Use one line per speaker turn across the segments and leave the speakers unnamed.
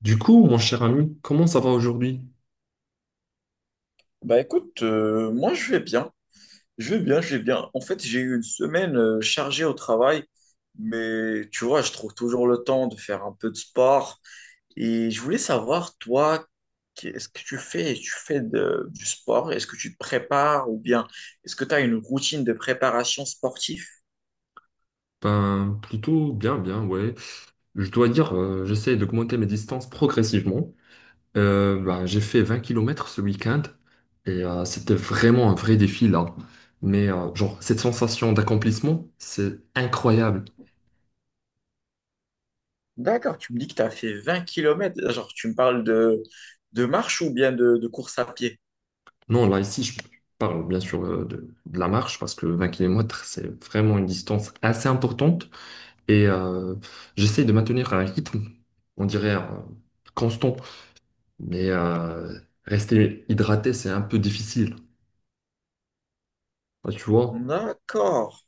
Du coup, mon cher ami, comment ça va aujourd'hui?
Bah écoute, moi je vais bien, je vais bien, je vais bien. En fait, j'ai eu une semaine chargée au travail, mais tu vois, je trouve toujours le temps de faire un peu de sport. Et je voulais savoir, toi, qu'est-ce que tu fais? Tu fais du sport? Est-ce que tu te prépares ou bien est-ce que tu as une routine de préparation sportive?
Ben, plutôt bien, bien, ouais. Je dois dire, j'essaie d'augmenter mes distances progressivement. Ben, j'ai fait 20 km kilomètres ce week-end et c'était vraiment un vrai défi là. Mais genre, cette sensation d'accomplissement, c'est incroyable.
D'accord, tu me dis que tu as fait 20 kilomètres. Genre, tu me parles de marche ou bien de course à pied?
Non, là, ici, je parle bien sûr de la marche parce que 20 km kilomètres c'est vraiment une distance assez importante et j'essaie de maintenir un rythme, on dirait, constant. Mais rester hydraté, c'est un peu difficile. Ah, tu vois?
D'accord.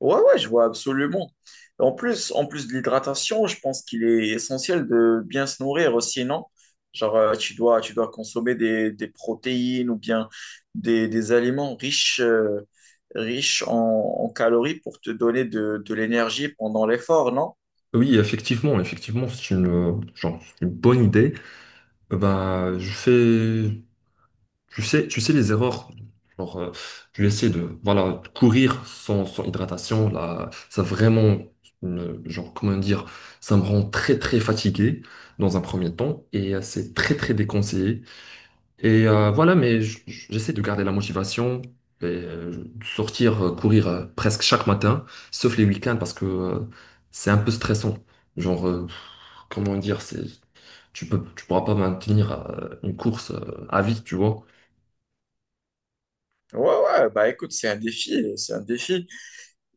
Ouais, ouais, je vois absolument. En plus de l'hydratation, je pense qu'il est essentiel de bien se nourrir aussi, non? Genre, tu dois consommer des protéines ou bien des aliments riches, riches en calories pour te donner de l'énergie pendant l'effort, non?
Oui, effectivement, effectivement, genre, c'est une bonne idée. Bah, je fais, tu sais les erreurs. Genre, je vais essayer de, voilà, courir sans hydratation. Là, ça vraiment, genre, comment dire, ça me rend très, très fatigué dans un premier temps et c'est très, très déconseillé. Et voilà, mais j'essaie de garder la motivation et de sortir courir presque chaque matin, sauf les week-ends parce que c'est un peu stressant. Genre, comment dire, c'est tu pourras pas maintenir une course à vie, tu vois.
Ouais, ouais, bah écoute, c'est un défi, c'est un défi.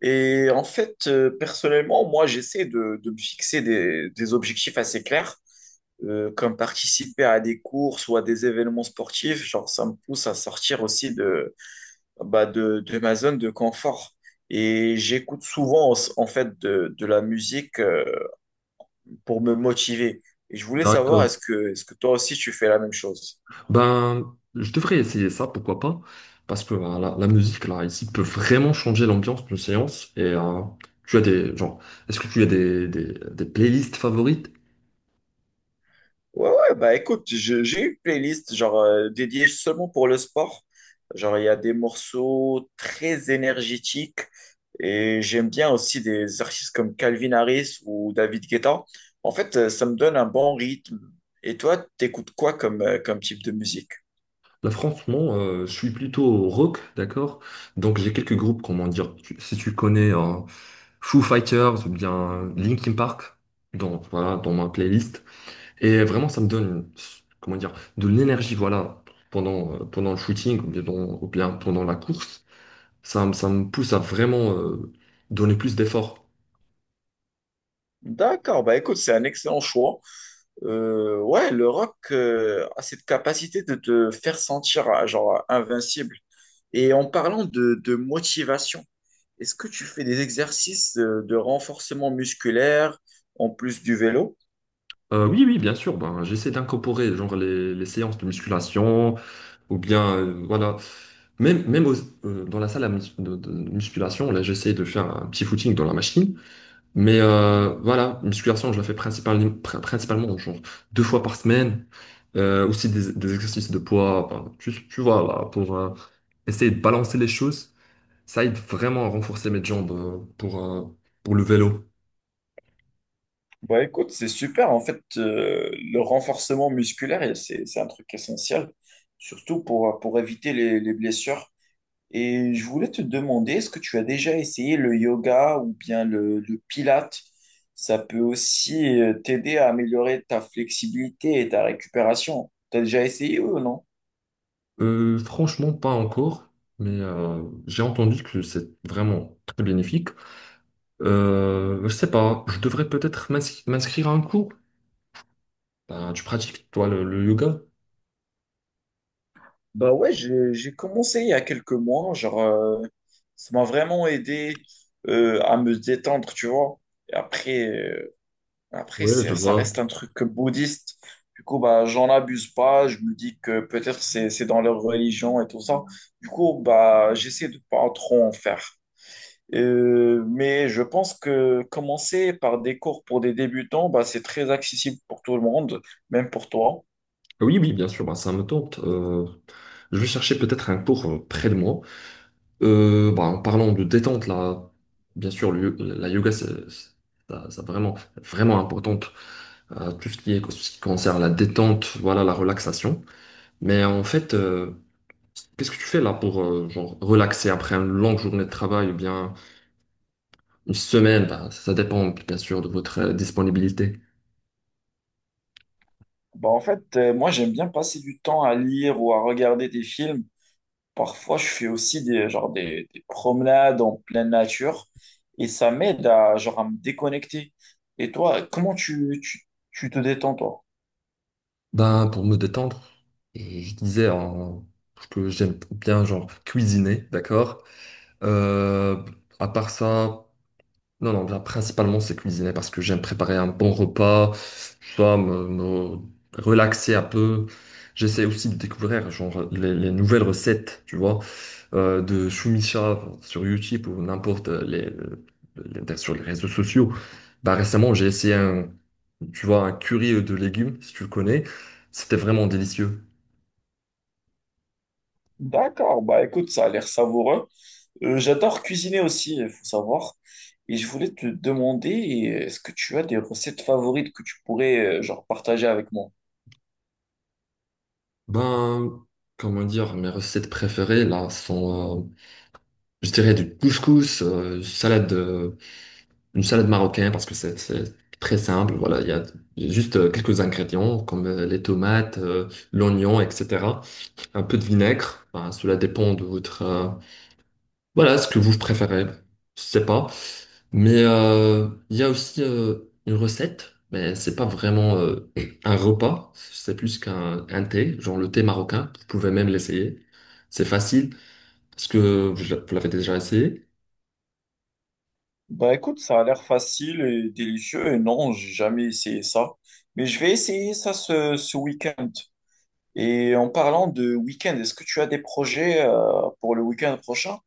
Et en fait, personnellement, moi, j'essaie de me fixer des objectifs assez clairs, comme participer à des courses ou à des événements sportifs. Genre, ça me pousse à sortir aussi de ma zone de confort. Et j'écoute souvent, en fait, de la musique, pour me motiver. Et je voulais savoir,
D'accord.
est-ce que toi aussi, tu fais la même chose?
Ben, je devrais essayer ça, pourquoi pas, parce que la musique là ici peut vraiment changer l'ambiance d'une séance. Et tu as des genre, est-ce que tu as des playlists favorites?
Ouais, ouais, bah écoute, j'ai une playlist genre dédiée seulement pour le sport. Genre, il y a des morceaux très énergétiques et j'aime bien aussi des artistes comme Calvin Harris ou David Guetta. En fait, ça me donne un bon rythme. Et toi, t'écoutes quoi comme, comme type de musique?
Là, franchement, je suis plutôt rock, d'accord? Donc, j'ai quelques groupes, comment dire, si tu connais hein, Foo Fighters ou bien Linkin Park, dans, voilà, dans ma playlist. Et vraiment, ça me donne, comment dire, de l'énergie, voilà, pendant le shooting ou bien, ou bien pendant la course. Ça me pousse à vraiment donner plus d'efforts.
D'accord, bah écoute, c'est un excellent choix. Ouais, le rock a cette capacité de te faire sentir genre invincible. Et en parlant de motivation, est-ce que tu fais des exercices de renforcement musculaire en plus du vélo?
Oui, oui, bien sûr, ben, j'essaie d'incorporer genre les séances de musculation. Ou bien, voilà. Même, même dans la salle de musculation, là, j'essaie de faire un petit footing dans la machine. Mais voilà, musculation, je la fais principalement genre deux fois par semaine. Aussi des exercices de poids, enfin, tu vois, là, pour essayer de balancer les choses. Ça aide vraiment à renforcer mes jambes pour le vélo.
Bah écoute, c'est super. En fait, le renforcement musculaire, et c'est un truc essentiel, surtout pour éviter les blessures. Et je voulais te demander, est-ce que tu as déjà essayé le yoga ou bien le pilate? Ça peut aussi t'aider à améliorer ta flexibilité et ta récupération. T'as déjà essayé ou non?
Franchement, pas encore, mais j'ai entendu que c'est vraiment très bénéfique. Je sais pas, je devrais peut-être m'inscrire à un cours. Ben, tu pratiques, toi, le yoga?
Bah ouais, j'ai commencé il y a quelques mois, genre ça m'a vraiment aidé à me détendre, tu vois. Et après après
Oui, je
c'est ça
vois.
reste un truc bouddhiste. Du coup bah j'en abuse pas, je me dis que peut-être c'est dans leur religion et tout ça. Du coup bah j'essaie de pas trop en faire. Mais je pense que commencer par des cours pour des débutants, bah c'est très accessible pour tout le monde, même pour toi.
Oui, oui, bien sûr, ben, ça me tente. Je vais chercher peut-être un cours près de moi. Ben, en parlant de détente, là, bien sûr, le la yoga, ça vraiment, vraiment importante. Tout ce qui est, ce qui concerne la détente, voilà, la relaxation. Mais en fait, qu'est-ce que tu fais là pour genre, relaxer après une longue journée de travail ou bien une semaine, bah, ça dépend bien sûr de votre disponibilité.
Bah en fait, moi j'aime bien passer du temps à lire ou à regarder des films. Parfois, je fais aussi des promenades en pleine nature et ça m'aide à, genre, à me déconnecter. Et toi, comment tu te détends, toi?
Ben, pour me détendre, et je disais que j'aime bien genre cuisiner, d'accord? Euh, à part ça, non, non, ben, principalement c'est cuisiner parce que j'aime préparer un bon repas, tu vois, me relaxer un peu. J'essaie aussi de découvrir genre, les nouvelles recettes, tu vois, de Shumisha sur YouTube ou n'importe sur les réseaux sociaux. Bah, récemment, j'ai essayé tu vois, un curry de légumes, si tu le connais. C'était vraiment délicieux.
D'accord, bah écoute, ça a l'air savoureux. J'adore cuisiner aussi, il faut savoir. Et je voulais te demander, est-ce que tu as des recettes favorites que tu pourrais genre partager avec moi?
Ben, comment dire, mes recettes préférées, là, sont, je dirais, du couscous, salade une salade marocaine parce que c'est très simple. Voilà, il y a juste quelques ingrédients comme les tomates, l'oignon, etc. Un peu de vinaigre. Ben, cela dépend de votre voilà ce que vous préférez. Je sais pas. Mais il y a aussi une recette, mais c'est pas vraiment un repas. C'est plus qu'un un thé, genre le thé marocain. Vous pouvez même l'essayer. C'est facile parce que vous l'avez déjà essayé.
Bah écoute, ça a l'air facile et délicieux et non, j'ai jamais essayé ça. Mais je vais essayer ça ce week-end. Et en parlant de week-end, est-ce que tu as des projets pour le week-end prochain?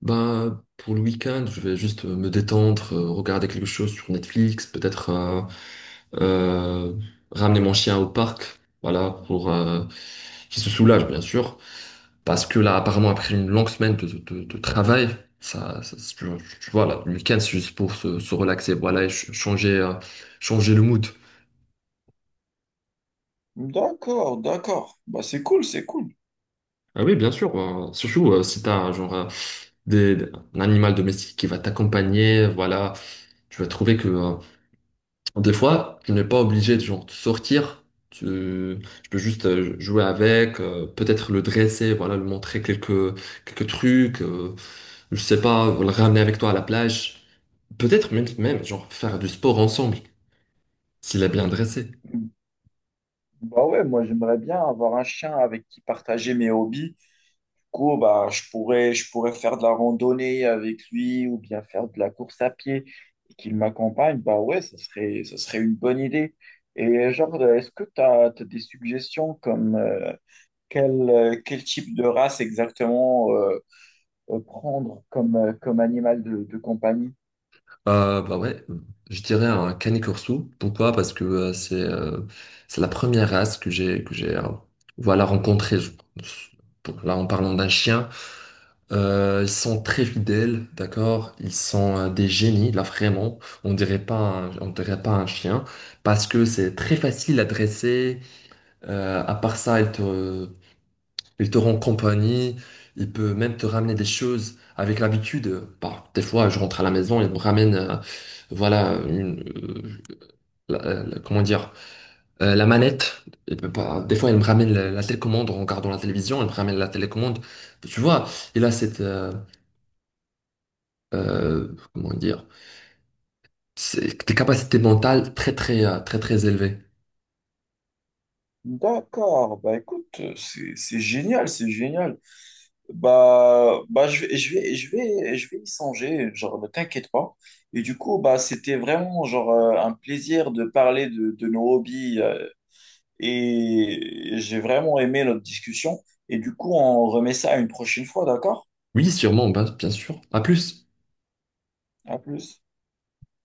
Bah, pour le week-end, je vais juste me détendre, regarder quelque chose sur Netflix, peut-être euh, ramener mon chien au parc, voilà, pour qu'il se soulage, bien sûr. Parce que là, apparemment, après une longue semaine de travail, ça, ça- tu, tu vois, là, le week-end, c'est juste pour se relaxer, voilà, et changer le mood.
D'accord, d'accord. Bah c'est cool, c'est cool.
Ah oui, bien sûr, surtout si t'as genre des, un animal domestique qui va t'accompagner, voilà, tu vas trouver que des fois, tu n'es pas obligé de sortir. Tu, tu peux juste jouer avec, peut-être le dresser, voilà, lui montrer quelques trucs, je sais pas, le ramener avec toi à la plage. Peut-être même, même genre faire du sport ensemble, s'il est bien dressé.
Bah ouais, moi j'aimerais bien avoir un chien avec qui partager mes hobbies. Coup, bah, je pourrais faire de la randonnée avec lui ou bien faire de la course à pied et qu'il m'accompagne, bah ouais, ça serait une bonne idée. Et genre, est-ce que tu as, des suggestions comme quel, quel type de race exactement prendre comme, comme animal de compagnie?
Bah ouais, je dirais un Canis Corso. Pourquoi? Parce que c'est la première race que j'ai voilà rencontrée. Là, en parlant d'un chien, ils sont très fidèles, d'accord? Ils sont des génies, là vraiment. On dirait pas un chien parce que c'est très facile à dresser. À part ça, il te rend compagnie. Il peut même te ramener des choses avec l'habitude. Bah, des fois, je rentre à la maison, il me ramène, voilà, comment dire, la manette. Il peut pas- Des fois, il me ramène la télécommande en regardant la télévision. Il me ramène la télécommande. Tu vois, il a cette euh, comment dire, tes capacités mentales très très très très élevées.
D'accord, bah écoute, c'est génial, c'est génial. Je je vais y songer, genre, ne t'inquiète pas. Et du coup, bah, c'était vraiment, genre, un plaisir de parler de nos hobbies, et j'ai vraiment aimé notre discussion. Et du coup, on remet ça une prochaine fois, d'accord?
Oui, sûrement, ben, bien sûr. À plus.
À plus.